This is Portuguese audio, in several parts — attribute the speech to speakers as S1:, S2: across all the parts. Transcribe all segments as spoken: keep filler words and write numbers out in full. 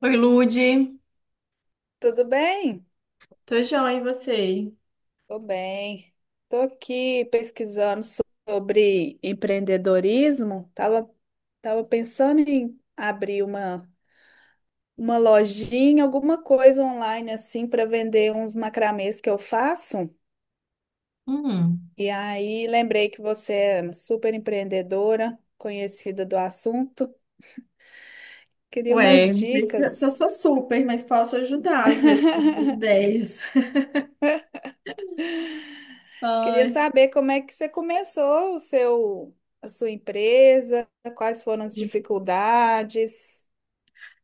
S1: Oi, Lude.
S2: Tudo bem?
S1: Tô joia, e você?
S2: Tô bem. Tô aqui pesquisando so- sobre empreendedorismo. Tava, tava pensando em abrir uma, uma lojinha, alguma coisa online assim para vender uns macramês que eu faço.
S1: Hum.
S2: E aí lembrei que você é super empreendedora, conhecida do assunto. Queria umas
S1: Ué, não sei se eu se eu
S2: dicas.
S1: sou super, mas posso ajudar às vezes com ideias.
S2: Queria
S1: Ai,
S2: saber como é que você começou o seu, a sua empresa, quais foram as
S1: sim.
S2: dificuldades.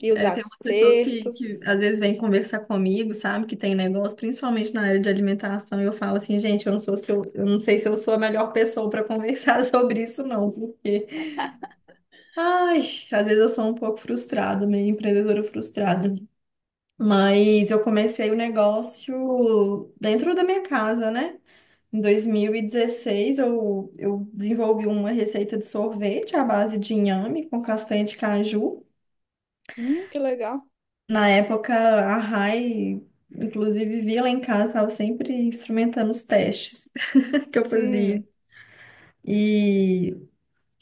S2: E os
S1: É, tem umas pessoas que, que
S2: acertos.
S1: às vezes vêm conversar comigo, sabe? Que tem negócio, principalmente na área de alimentação, e eu falo assim, gente, eu não sou se eu, eu não sei se eu sou a melhor pessoa para conversar sobre isso, não, porque ai, às vezes eu sou um pouco frustrada, meio empreendedora frustrada. Mas eu comecei o negócio dentro da minha casa, né? Em dois mil e dezesseis, eu, eu desenvolvi uma receita de sorvete à base de inhame com castanha de caju.
S2: Hum, que legal.
S1: Na época, a Rai, inclusive, via lá em casa, estava sempre experimentando os testes que eu fazia.
S2: Hum,
S1: E,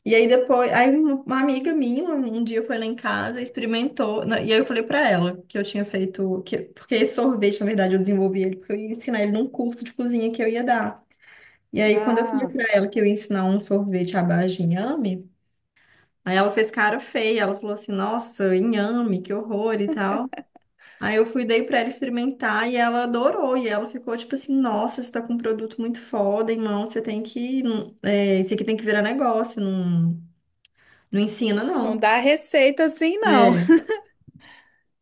S1: e aí depois, aí uma uma amiga minha, um um dia foi lá em casa, experimentou, na- e aí eu falei para ela que eu tinha feito, que, porque esse sorvete, na verdade, eu desenvolvi ele, porque eu ia ensinar ele num curso de cozinha que eu ia dar. E aí, quando eu falei
S2: ah,
S1: pra ela que eu ia ensinar um sorvete à base de inhame, aí ela fez cara feia. Ela falou assim: nossa, inhame, que horror e tal. Aí eu fui, dei pra ela experimentar e ela adorou. E ela ficou tipo assim: nossa, você tá com um produto muito foda, irmão. Você tem que. É, isso aqui tem que virar negócio. Não, não ensina,
S2: não
S1: não.
S2: dá receita assim, não.
S1: É.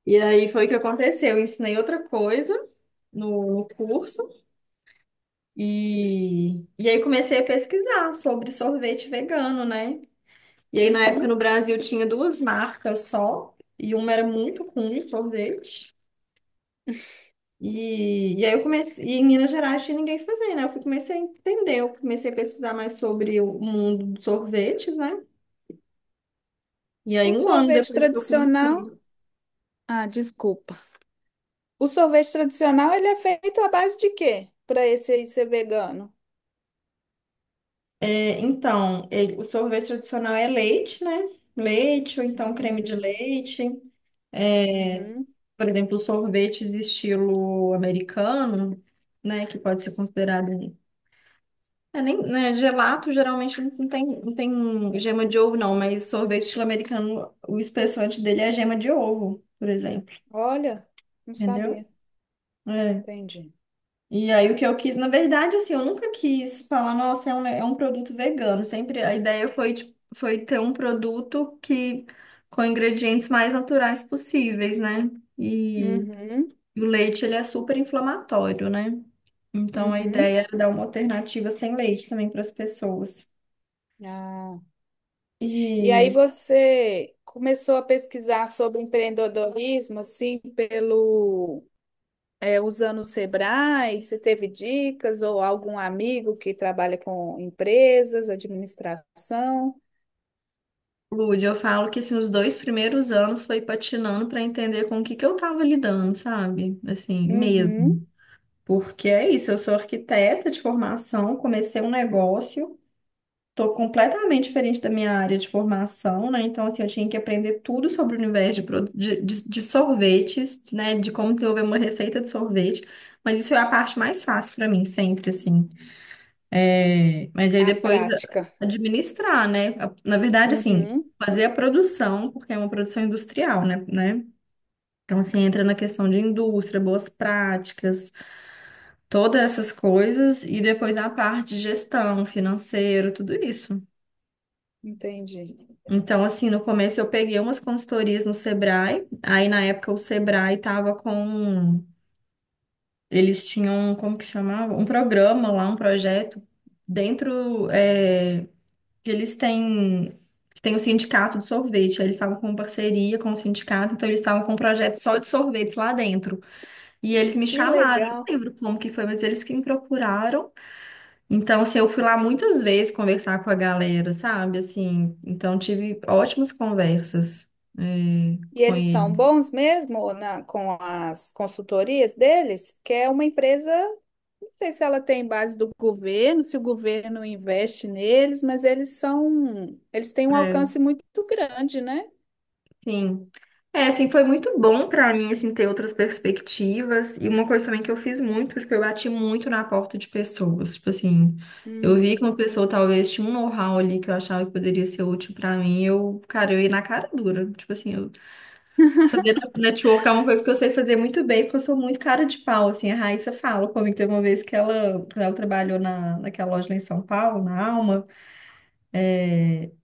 S1: E aí foi o que aconteceu. Eu ensinei outra coisa no, no curso e, e aí comecei a pesquisar sobre sorvete vegano, né? E aí, na época,
S2: Uhum.
S1: no Brasil, tinha duas marcas só, e uma era muito comum sorvete. E, e aí eu comecei, e em Minas Gerais tinha ninguém fazendo, né? Eu fui- comecei a entender, eu comecei a pesquisar mais sobre o mundo dos sorvetes, né? E aí,
S2: O
S1: um ano
S2: sorvete
S1: depois que eu comecei.
S2: tradicional. Ah, desculpa. O sorvete tradicional, ele é feito à base de quê? Para esse aí ser vegano.
S1: É, então, ele- o sorvete tradicional é leite, né? Leite, ou então creme de
S2: Hum,
S1: leite.
S2: uhum.
S1: Por exemplo, sorvetes estilo americano, né? Que pode ser considerado um. É, nem, né, gelato geralmente não tem, não tem gema de ovo, não, mas sorvete estilo americano o espessante dele é gema de ovo, por exemplo,
S2: Olha, não sabia.
S1: entendeu? É.
S2: Entendi.
S1: E aí o que eu quis, na verdade, assim, eu nunca quis falar, nossa, é um, ne- é um produto vegano. Sempre a ideia foi, tipo, foi ter um produto que com ingredientes mais naturais possíveis, né? E,
S2: Uhum,
S1: e o leite, ele é super inflamatório, né? Então a
S2: uhum.
S1: ideia era dar uma alternativa sem leite também para as pessoas.
S2: Ah. E aí
S1: E
S2: você começou a pesquisar sobre empreendedorismo, assim, pelo é, usando o Sebrae? Você teve dicas ou algum amigo que trabalha com empresas, administração?
S1: Lud, eu falo que assim, os dois primeiros anos foi patinando para entender com o que que eu tava lidando, sabe? Assim,
S2: Uhum.
S1: mesmo. Porque é isso, eu sou arquiteta de formação, comecei um negócio, tô completamente diferente da minha área de formação, né? Então, assim, eu tinha que aprender tudo sobre o universo de, produ- de, de- de sorvetes, né? De como desenvolver uma receita de sorvete. Mas isso é a parte mais fácil para mim, sempre, assim. É, mas aí
S2: A
S1: depois
S2: prática.
S1: administrar, né? A- Na verdade, assim,
S2: Uhum.
S1: fazer a produção, porque é uma produção industrial, né? né? Então, assim, entra na questão de indústria, boas práticas, todas essas coisas, e depois a parte de gestão, financeiro, tudo isso.
S2: Entendi.
S1: Então, assim, no começo eu peguei umas consultorias no Sebrae, aí na época o Sebrae tava com, um, eles tinham, um, como que chamava? Um programa lá, um projeto dentro, é, que eles têm, têm o sindicato de sorvete, aí eles estavam com parceria com o sindicato, então eles estavam com um projeto só de sorvetes lá dentro. E eles me
S2: Que
S1: chamaram, eu não
S2: legal.
S1: lembro como que foi, mas eles que me procuraram. Então, assim, eu fui lá muitas vezes conversar com a galera, sabe? Assim, então tive ótimas conversas, é,
S2: E
S1: com
S2: eles são
S1: ele.
S2: bons mesmo na, com as consultorias deles? Que é uma empresa, não sei se ela tem base do governo, se o governo investe neles, mas eles são, eles têm um alcance muito grande, né?
S1: Sim. É, assim, foi muito bom pra mim, assim, ter outras perspectivas. E uma coisa também que eu fiz muito, tipo, eu bati muito na porta de pessoas. Tipo assim, eu vi que
S2: Hum.
S1: uma pessoa talvez tinha um know-how ali que eu achava que poderia ser útil pra mim. Eu, cara, eu ia na cara dura. Tipo assim, eu fazer network é uma coisa que eu sei fazer muito bem, porque eu sou muito cara de pau, assim. A Raíssa fala comigo, teve uma vez que ela, quando ela trabalhou na, naquela loja lá em São Paulo, na Alma,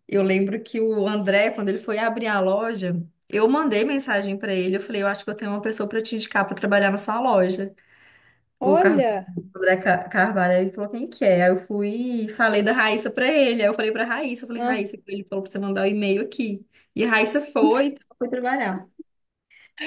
S1: eu lembro que o André, quando ele foi abrir a loja, eu mandei mensagem para ele. Eu falei, eu acho que eu tenho uma pessoa para te indicar para trabalhar na sua loja. O, Car...
S2: Olha.
S1: o André Ca- Carvalho, ele falou, quem que é? Aí eu fui e falei da Raíssa para ele. Aí eu falei para Raíssa, eu falei, Raíssa, ele falou para você mandar o e-mail aqui. E a Raíssa foi, então foi trabalhar.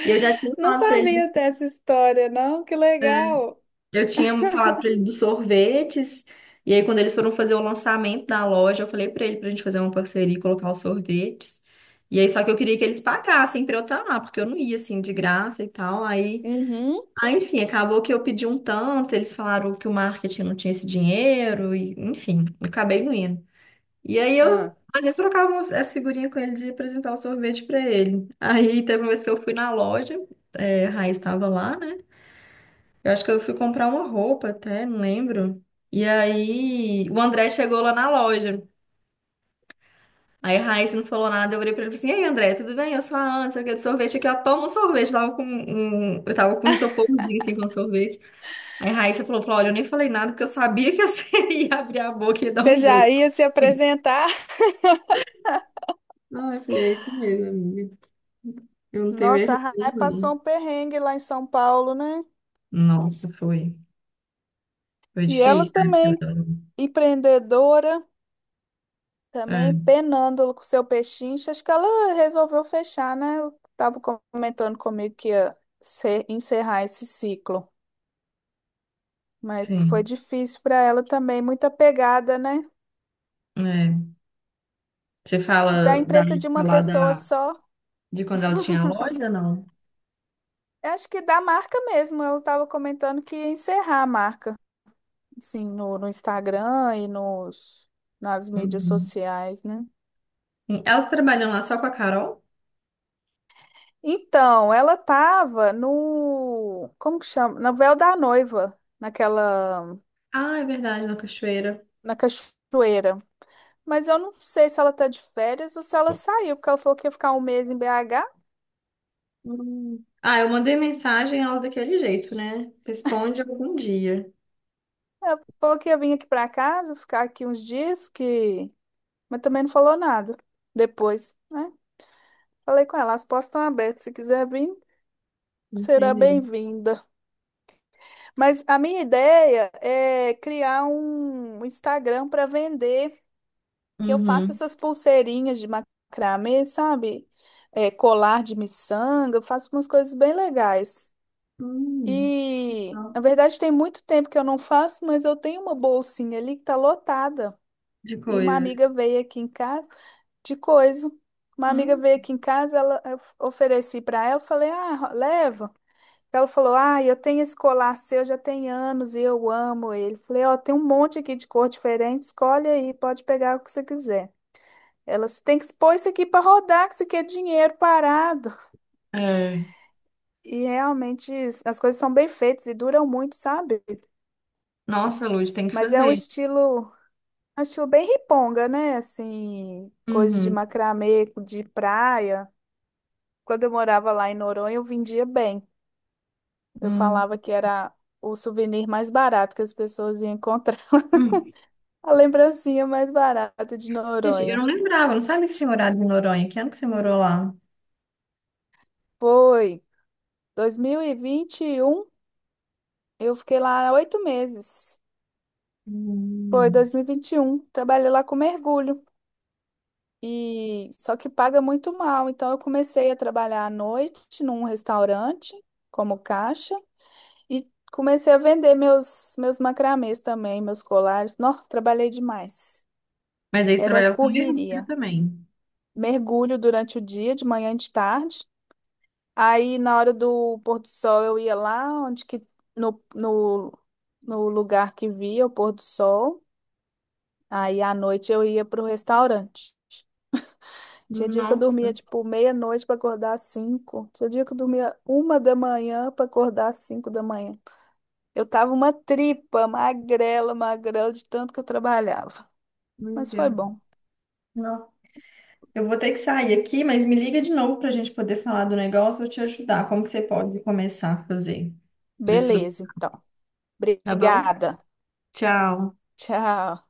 S1: E eu já tinha
S2: Não
S1: falado para ele.
S2: sabia dessa história, não? Que legal.
S1: Eu tinha falado pra ele dos sorvetes, e aí quando eles foram fazer o lançamento da loja, eu falei pra ele pra gente fazer uma parceria e colocar os sorvetes. E aí só que eu queria que eles pagassem pra eu estar lá, porque eu não ia assim de graça e tal. Aí,
S2: Uhum.
S1: aí, enfim, acabou que eu pedi um tanto, eles falaram que o marketing não tinha esse dinheiro e, enfim, eu acabei não indo. E aí eu
S2: Ah,
S1: às vezes trocava umas- essa figurinha com ele de apresentar o sorvete pra ele. Aí teve uma vez que eu fui na loja, é, a Raiz estava lá, né? Eu acho que eu fui comprar uma roupa até, não lembro. E aí o André chegou lá na loja. Aí a Raíssa não falou nada, eu olhei pra ele e falei assim, e aí André, tudo bem? Eu sou a Ana, sei o que, de sorvete aqui, ó, toma um sorvete. Eu tava com um... um, Eu tava com um isoporzinho, assim, com sorvete. Aí a Raíssa falou, falou, olha, eu nem falei nada, porque eu sabia que você ia abrir a boca e ia dar
S2: você
S1: um
S2: já
S1: jeito.
S2: ia se apresentar?
S1: Ah, eu falei, é isso mesmo, amiga. Eu não tenho
S2: Nossa, a
S1: vergonha,
S2: Rai passou
S1: não.
S2: um perrengue lá em São Paulo, né?
S1: Nossa, foi. Foi
S2: E ela
S1: difícil, né?
S2: também, empreendedora,
S1: É,
S2: também penando com seu pechincha. Acho que ela resolveu fechar, né? Ela tava comentando comigo que ia se- encerrar esse ciclo, mas que foi
S1: sim.
S2: difícil para ela também, muita pegada, né?
S1: É. Você
S2: Da
S1: fala da,
S2: empresa de uma
S1: lá
S2: pessoa
S1: da.
S2: só.
S1: De quando ela tinha a loja, não?
S2: Eu acho que da marca mesmo, ela estava comentando que ia encerrar a marca, assim, no, no Instagram e nos, nas mídias
S1: Uhum.
S2: sociais, né?
S1: Ela tá trabalhando lá só com a Carol?
S2: Então, ela estava no, como que chama? Na Véu da Noiva, naquela,
S1: Ah, é verdade, na Cachoeira.
S2: na cachoeira. Mas eu não sei se ela tá de férias ou se ela saiu, porque ela falou que ia ficar um mês em B H.
S1: Hum. Ah, eu mandei mensagem ela daquele jeito, né? Responde algum dia.
S2: Ela falou que ia vir aqui para casa, ficar aqui uns dias, que... Mas também não falou nada depois, né? Falei com ela, as portas estão abertas, se quiser vir. Será
S1: Entendi.
S2: bem-vinda. Mas a minha ideia é criar um Instagram para vender, que eu faça
S1: Uhum.
S2: essas pulseirinhas de macramê, sabe? É, colar de miçanga, eu faço umas coisas bem legais.
S1: Hum.
S2: E,
S1: Ah,
S2: na verdade, tem muito tempo que eu não faço, mas eu tenho uma bolsinha ali que tá lotada.
S1: de
S2: E uma
S1: coisas.
S2: amiga veio aqui em casa de coisa. Uma amiga
S1: Hum.
S2: veio aqui em casa, ela, eu ofereci para ela, falei: "Ah, leva". Ela falou: Ah, eu tenho esse colar seu já tem anos e eu amo ele. Falei: Ó, tem um monte aqui de cor diferente, escolhe aí, pode pegar o que você quiser. Ela "Você tem que expor isso aqui para rodar, que isso aqui é dinheiro parado.
S1: É.
S2: E realmente as coisas são bem feitas e duram muito, sabe?
S1: Nossa, Luz, tem que
S2: Mas é um
S1: fazer.
S2: estilo, é um estilo bem riponga, né? Assim, coisas de
S1: Uhum.
S2: macramê, de praia. Quando eu morava lá em Noronha, eu vendia bem. Eu
S1: Hum.
S2: falava que era o souvenir mais barato que as pessoas iam encontrar.
S1: Hum.
S2: A lembrancinha mais barata de
S1: Gente, eu não
S2: Noronha.
S1: lembrava, não sabe se tinha morado em Noronha. Que ano que você morou lá?
S2: Foi dois mil e e vinte e um. Eu fiquei lá oito meses. Foi
S1: Hum.
S2: dois mil e e vinte e um. Trabalhei lá com mergulho. E só que paga muito mal, então eu comecei a trabalhar à noite num restaurante como caixa e comecei a vender meus meus macramês também, meus colares. Nossa, trabalhei demais.
S1: Mas aí você
S2: Era
S1: trabalhava com mergulho
S2: correria.
S1: também.
S2: Mergulho durante o dia, de manhã e de tarde. Aí na hora do pôr do sol eu ia lá onde que no, no, no lugar que via o pôr do sol. Aí à noite eu ia pro restaurante. Tinha dia que eu
S1: Nossa,
S2: dormia tipo meia-noite para acordar às cinco. Tinha dia que eu dormia uma da manhã para acordar às cinco da manhã. Eu tava uma tripa, magrela, magrela de tanto que eu trabalhava.
S1: meu
S2: Mas foi
S1: Deus.
S2: bom.
S1: Eu vou ter que sair aqui, mas me liga de novo para a gente poder falar do negócio. Eu vou te ajudar. Como que você pode começar a fazer para estruturar?
S2: Beleza, então.
S1: Tá bom?
S2: Obrigada.
S1: Tchau.
S2: Tchau.